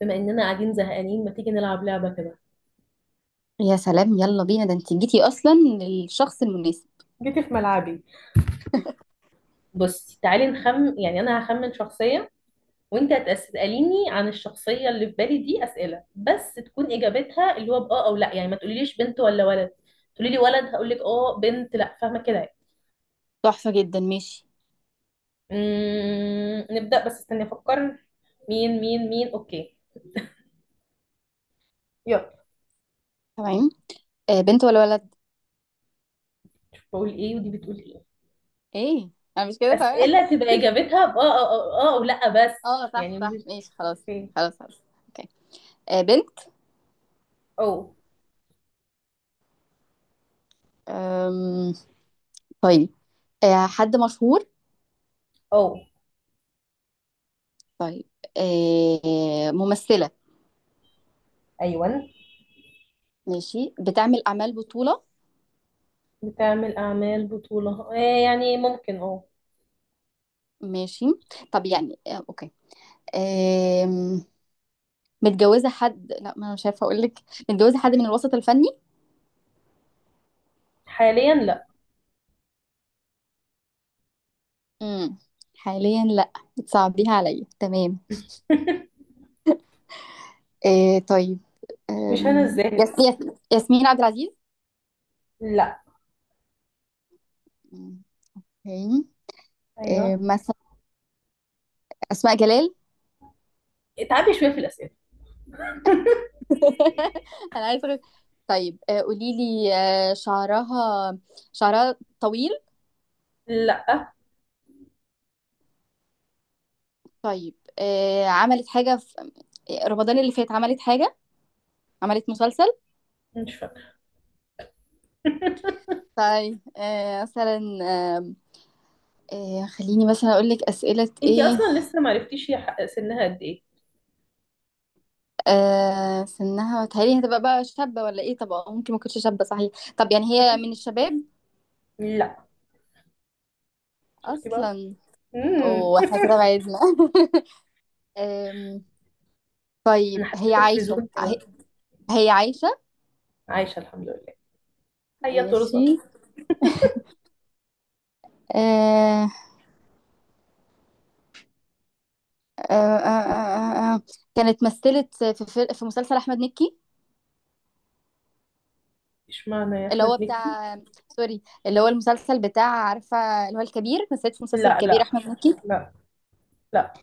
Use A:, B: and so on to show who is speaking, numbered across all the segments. A: بما اننا قاعدين زهقانين ما تيجي نلعب لعبة كده؟
B: يا سلام، يلا بينا، ده انت جيتي اصلا للشخص المناسب.
A: جيتي في ملعبي. بصي تعالي نخم، يعني انا هخمن شخصية وانت هتسأليني عن الشخصية اللي في بالي. دي أسئلة بس تكون اجابتها اللي هو بآه او لا، يعني ما تقوليليش بنت ولا ولد، تقولي لي ولد هقول لك اه، بنت لا. فاهمة كده يعني؟
B: تحفة جدا، ماشي،
A: نبدأ، بس استني افكر. مين مين مين، اوكي. يلا.
B: تمام. آه، بنت ولا ولد؟
A: بقول ايه ودي بتقول ايه.
B: ايه؟ انا مش كده، تمام.
A: أسئلة تبقى اجابتها بآه او اه، او أو لا بس،
B: اه، صح
A: يعني
B: صح،
A: مش.
B: ماشي، خلاص.
A: اوكي.
B: خلاص خلاص، اوكي. آه، بنت.
A: او.
B: أم... طيب، آه، حد مشهور؟
A: او.
B: طيب، آه، ممثلة؟
A: ايوه.
B: ماشي، بتعمل اعمال بطولة؟
A: بتعمل أعمال بطولة، آه يعني ممكن اه.
B: ماشي. طب يعني آه، اوكي. آم... متجوزة حد؟ لا، ما انا مش عارفة اقول لك. متجوزة حد من الوسط الفني؟
A: حاليا لا.
B: امم، حاليا لا. بتصعبيها عليا، تمام. آه طيب،
A: مش هنا الزاهد،
B: يس
A: لا.
B: يس، ياسمين عبد العزيز؟
A: لا.
B: اوكي. آه،
A: أيوه.
B: مثلا أسماء جلال؟
A: اتعبي شوية في الأسئلة.
B: أنا عايزة أقول- طيب، آه قولي لي، آه، شعرها. شعرها طويل؟
A: لا.
B: طيب آه عملت حاجة في رمضان اللي فات؟ عملت حاجة؟ عملت مسلسل؟
A: مش فاكرة.
B: طيب، آه، مثلا آه. آه، خليني مثلا أقول لك أسئلة
A: انتي
B: إيه.
A: أصلا لسه معرفتيش، هي سنها قد إيه؟
B: آه، سنها، بتهيألي هتبقى بقى شابة ولا إيه؟ طب ممكن ما تكونش شابة، صحيح. طب يعني هي
A: مم.
B: من الشباب
A: لا. شفتي بقى.
B: أصلا؟
A: مم.
B: واحنا كده بعدنا. أم،
A: أنا
B: طيب، هي
A: حسيتك في
B: عايشة
A: زون كده.
B: هي عايشة؟
A: عايشة الحمد لله. هيا
B: ماشي.
A: ترزق.
B: آه آه آه آه آه، آه. كانت مثلت في مسلسل أحمد مكي.
A: اشمعنى يا
B: اللي
A: أحمد
B: هو
A: مكي؟
B: بتاع سوري، اللي هو المسلسل بتاع، عارفة، اللي هو الكبير. مثلت في مسلسل
A: لا
B: الكبير
A: لا
B: أحمد مكي؟
A: لا لا.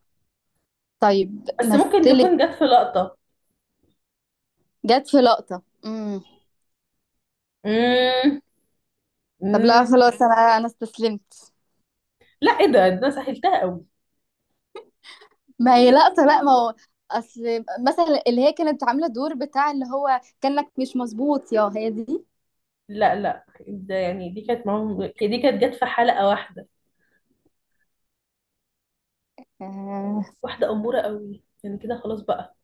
B: طيب
A: بس ممكن
B: مثلت،
A: تكون جت في لقطة.
B: جت في لقطة. امم،
A: مم.
B: طب لا
A: مم.
B: خلاص، أنا استسلمت.
A: لا، ايه ده، إيه ده، أنا سهلتها قوي.
B: ما هي لقطة، لا، ما هو اصل مثلا اللي هي كانت عاملة دور بتاع، اللي هو كأنك مش مظبوط يا هي دي.
A: لا لا، ده يعني دي كانت معاهم، دي كانت جت في حلقة واحدة.
B: آه.
A: واحدة أمورة قوي يعني، كده خلاص بقى.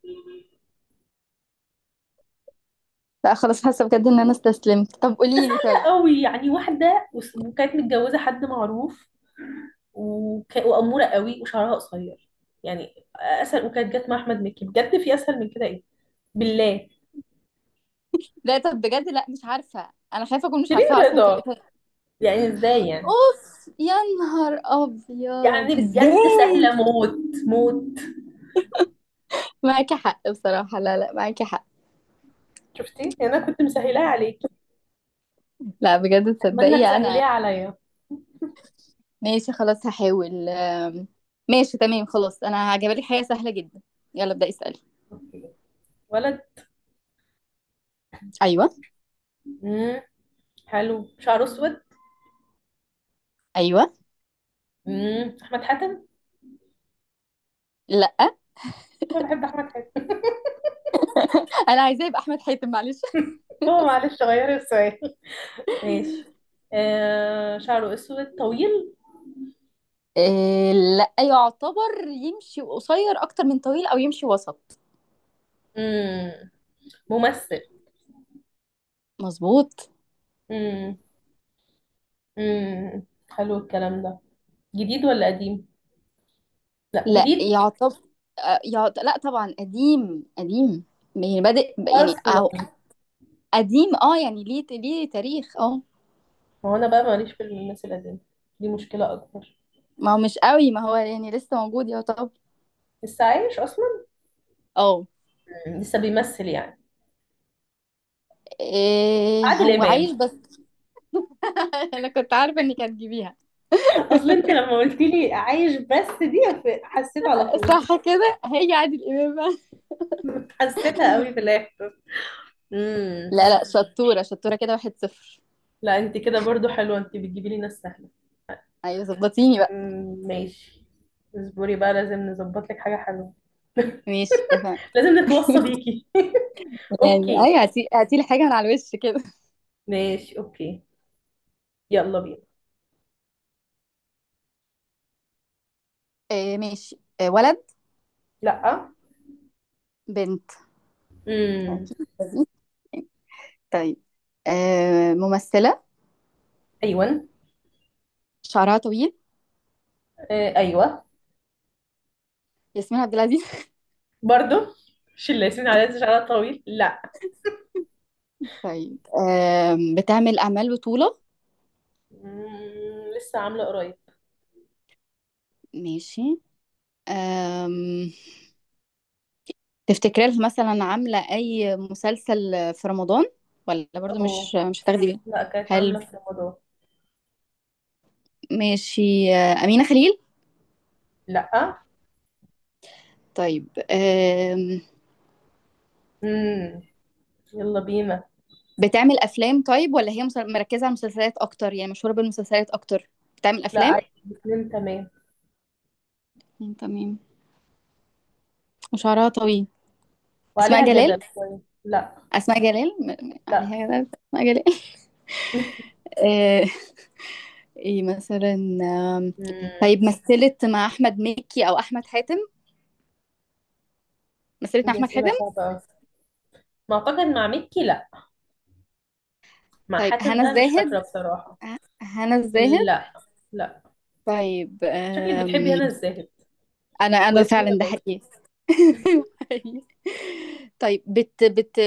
B: لا خلاص، حاسة بجد ان انا استسلمت. طب
A: ده
B: قولي لي
A: سهلة
B: طيب.
A: قوي، يعني واحدة وكانت متجوزة حد معروف وأمورة قوي وشعرها قصير، يعني أسهل، وكانت جت مع أحمد مكي بجد. في أسهل من كده إيه بالله؟
B: لا طب بجد، لا، مش عارفة، انا خايفة اكون مش
A: شيرين
B: عارفاها اصلا في
A: رضا.
B: الإطار.
A: يعني إزاي يعني؟
B: اوف يا نهار ابيض،
A: يعني بجد سهلة
B: ازاي؟
A: موت. موت.
B: معاكي حق بصراحة، لا لا، معاكي حق.
A: شفتي يعني، أنا كنت مسهلاها عليكي.
B: لا بجد
A: أتمنى
B: تصدقي انا.
A: تسهليها عليا.
B: ماشي خلاص هحاول. ماشي تمام، خلاص انا هجيبلك حاجة سهلة جدا. يلا ابدأي اسألي.
A: أوكي. ولد.
B: ايوه.
A: مم. حلو، شعره أسود.
B: ايوه.
A: احمد حاتم.
B: لا.
A: انا بحب احمد حاتم.
B: انا عايزاه يبقى احمد حاتم، معلش.
A: هو معلش، غيري السؤال. ماشي. شعره اسود طويل.
B: إيه؟ لا، يعتبر يمشي قصير اكتر من طويل، او يمشي وسط.
A: امم ممثل.
B: مظبوط.
A: امم امم حلو الكلام ده. جديد ولا قديم؟ لا
B: لا
A: جديد.
B: يعتبر. لا طبعا، قديم قديم. يعني بادئ يعني، أو
A: اصلا
B: قديم اه، يعني ليه ليه تاريخ اه.
A: ما هو انا بقى ماليش في الناس القديمه، دي مشكله اكبر.
B: ما هو مش قوي، ما هو يعني لسه موجود يعتبر.
A: لسه عايش اصلا.
B: اه.
A: لسه بيمثل يعني.
B: إيه
A: عادل
B: هو عايش
A: امام.
B: بس. انا كنت عارفه انك هتجيبيها.
A: اصل انت لما قلت لي عايش بس دي، حسيت على طول.
B: صح كده، هي عادل امام بقى.
A: حسيتها قوي في الاخر. امم.
B: لا لا، شطورة شطورة كده، واحد صفر.
A: لا انت كده برضو حلوه، انت بتجيبي لي ناس سهله.
B: ايوه ظبطيني بقى.
A: ماشي. اصبري بقى، لازم نظبط لك حاجة حلوة.
B: ماشي، اتفقنا.
A: لازم نتوصى بيكي.
B: يعني اي،
A: اوكي.
B: هاتي هاتي لي حاجه من على الوش كده.
A: ماشي اوكي. يلا بينا.
B: آه ماشي. آه، ولد؟
A: لا.
B: بنت؟
A: امم.
B: أكيد لذيذ. طيب، آه، ممثله؟
A: ايوه.
B: شعرها طويل؟
A: آه ايوه.
B: ياسمين عبد العزيز؟
A: برضو مش اللي ياسمين عليها شعرها طويل، لا.
B: طيب، بتعمل اعمال بطوله؟
A: لسه عامله قريب.
B: ماشي. آم، تفتكري لها مثلا عامله اي مسلسل في رمضان، ولا برضو
A: اوه.
B: مش هتاخدي بالك؟
A: لا كانت
B: حلو،
A: عامله في رمضان.
B: ماشي. آه، امينه خليل؟
A: لا.
B: طيب.
A: امم. يلا بينا.
B: بتعمل أفلام طيب، ولا هي مركزة على المسلسلات أكتر، يعني مشهورة بالمسلسلات أكتر؟ بتعمل
A: لا
B: أفلام.
A: عادي الاثنين تمام.
B: مم، تمام. وشعرها طويل. أسماء
A: وعليها
B: جلال؟
A: جدل شويه. لا.
B: أسماء جلال، عليها
A: لا.
B: جلال، أسماء جلال. آه، إيه مثلا. آم،
A: امم.
B: طيب مثلت مع أحمد مكي أو أحمد حاتم؟ مثلت مع
A: دي
B: أحمد حاتم.
A: اسئله صعبه قوي. ما اعتقد مع ميكي لا، مع
B: طيب،
A: حاتم
B: هنا
A: بقى مش فاكرة
B: الزاهد؟
A: بصراحة.
B: هنا الزاهد.
A: لا. لا.
B: طيب.
A: شكلك بتحبي هنا الزاهد
B: أنا
A: وياسمين
B: فعلا ده
A: الرزق.
B: حقيقي. أيوة حقيقي. طيب، بت،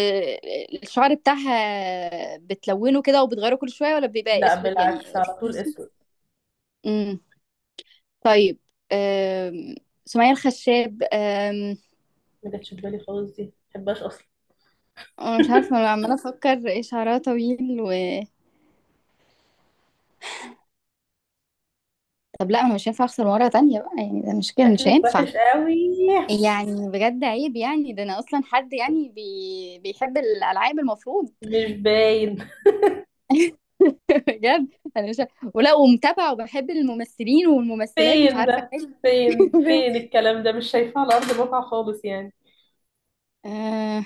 B: الشعر بتاعها بتلونه كده وبتغيره كل شوية، ولا بيبقى
A: لا
B: اسود يعني؟
A: بالعكس، على طول
B: اسود.
A: اسود.
B: امم، طيب. أم... سمية الخشاب؟
A: ما جاتش في بالي خالص، دي ما بحبهاش اصلا.
B: انا مش عارفة، انا عمالة افكر. إيه؟ شعرها طويل و... طب لا، انا مش هينفع اخسر مرة تانية بقى، يعني ده مش كده، مش
A: شكلك
B: هينفع.
A: وحش قوي.
B: يعني بجد عيب، يعني ده انا اصلا حد يعني بيحب الالعاب المفروض.
A: مش باين.
B: بجد، انا مش، ولا ومتابعه وبحب الممثلين والممثلات، مش
A: فين
B: عارفه
A: ده؟
B: حاجه.
A: فين فين الكلام ده، مش شايفاه على ارض الواقع خالص يعني.
B: آه،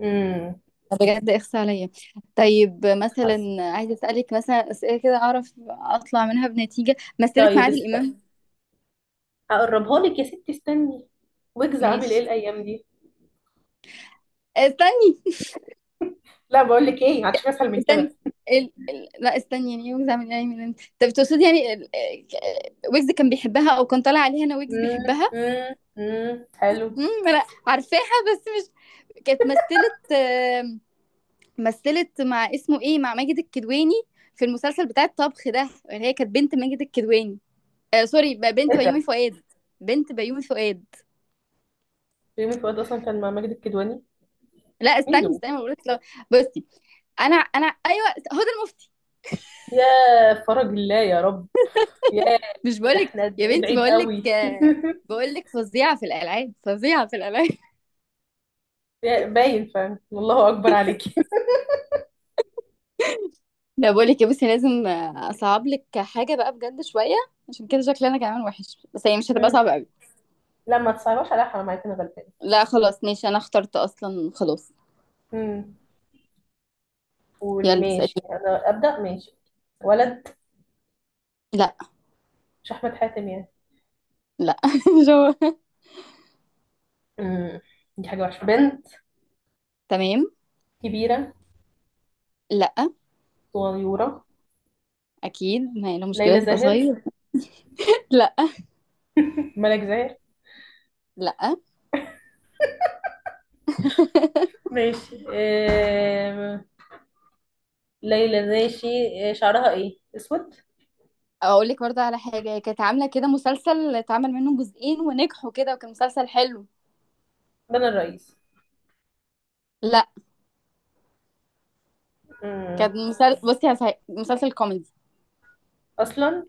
A: امم
B: بجد اخس عليا. طيب
A: حاسه.
B: مثلا، عايزه اسالك مثلا اسئله كده اعرف اطلع منها بنتيجه. مثلت مع
A: طيب
B: عادل
A: استني،
B: امام؟
A: هقربها لك يا ستي، استني. ويجز عامل ايه
B: ماشي.
A: الايام دي؟
B: استني
A: لا بقول لك ايه، هتشوفي اسهل من كده.
B: استني. لا استني، يعني ويجز عامل، يعني من انت؟ طب تقصدي يعني ويجز كان بيحبها، او كان طالع عليها؟ انا، ويجز بيحبها.
A: حلو.
B: امم، لا، عارفاها بس مش، كانت مثلت، آه، مثلت مع، اسمه ايه، مع ماجد الكدواني، في المسلسل بتاع الطبخ ده، اللي هي كانت بنت ماجد الكدواني. آه سوري،
A: ايه
B: بنت بيومي
A: ده.
B: فؤاد. بنت بيومي فؤاد.
A: ريمي فؤاد اصلا كان مع ماجد الكدواني.
B: لا
A: مين
B: استني
A: دول؟
B: استني، بقول لك لو، بصي، انا ايوه، هدى المفتي؟
A: يا فرج الله يا رب. يا،
B: مش بقول
A: ده
B: لك
A: احنا قد
B: يا
A: ايه
B: بنتي،
A: بعيد
B: بقول لك،
A: قوي.
B: آه، بقول لك فظيعه في الالعاب، فظيعه في الالعاب.
A: باين فاهم، والله اكبر عليكي.
B: لا بقول لك يا، بصي، لازم، آه، اصعب لك حاجه بقى بجد شويه. عشان كده شكلي انا كمان وحش، بس هي مش هتبقى
A: مم.
B: صعبه قوي.
A: لا ما تصعبش عليا، حرام عليكي، انا غلبانه.
B: لا خلاص ماشي، انا اخترت اصلا، خلاص.
A: مم. قولي
B: يلا اسالي.
A: ماشي، انا ابدا ماشي. ولد.
B: لا.
A: مش احمد حاتم يعني؟
B: لا. مش هو.
A: مم. دي حاجه وحشه، بنت.
B: تمام.
A: كبيره.
B: لا.
A: صغيره.
B: اكيد، ما هي لو مشكله
A: ليلى
B: تبقى
A: زاهر.
B: صغير. لا.
A: ملك زاهر.
B: لا.
A: ماشي ليلى ماشي. شعرها ايه، اسود.
B: اقول لك برضه على حاجه، هي كانت عامله كده مسلسل اتعمل منه جزئين ونجحوا كده، وكان مسلسل حلو.
A: بنا الرئيس.
B: لا،
A: مم.
B: كان مسلسل، بصي، هسه مسلسل كوميدي.
A: اصلا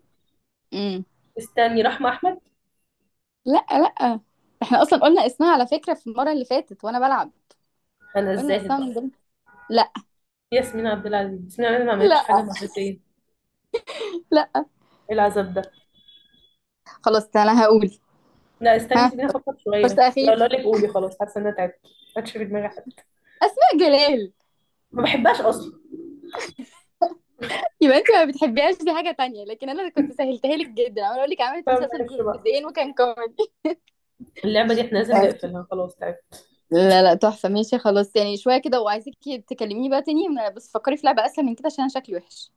B: امم.
A: استني، رحمة أحمد.
B: لا لا، احنا اصلا قلنا اسمها على فكره في المره اللي فاتت وانا بلعب.
A: أنا
B: قلنا
A: الزاهد
B: اسمها
A: بقى.
B: من ضمن. لا.
A: ياسمين عبد العزيز، ياسمين عبد العزيز ما عملتش حاجة
B: لا.
A: مرتين إيه؟
B: لا.
A: العذاب ده.
B: خلاص انا هقول.
A: لا استني،
B: ها،
A: سيبيني أفكر شوية.
B: فرصه
A: لا
B: اخيره.
A: لا لك، قولي خلاص، حاسة إن أنا تعبت ما عادش في دماغي حد.
B: اسماء جلال.
A: ما بحبهاش أصلا.
B: يبقى انت ما بتحبيهاش، دي حاجه تانية، لكن انا كنت سهلتها لك جدا. انا اقول لك عملت
A: فما
B: مسلسل
A: اعرفش بقى.
B: جزئين وكان كوميدي.
A: اللعبة دي إحنا لازم
B: آه،
A: نقفلها، خلاص تعبت.
B: لا لا، تحفة، ماشي خلاص، يعني شوية كده، وعايزاكي تكلميني بقى تاني. بس فكري في لعبة أسهل من كده، عشان أنا شكلي وحش.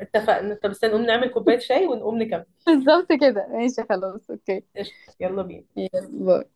A: اتفقنا، طب استنى نقوم نعمل كوباية شاي ونقوم نكمل.
B: بالظبط كده، ماشي خلاص، اوكي.
A: قشطة يلا بينا.
B: باي.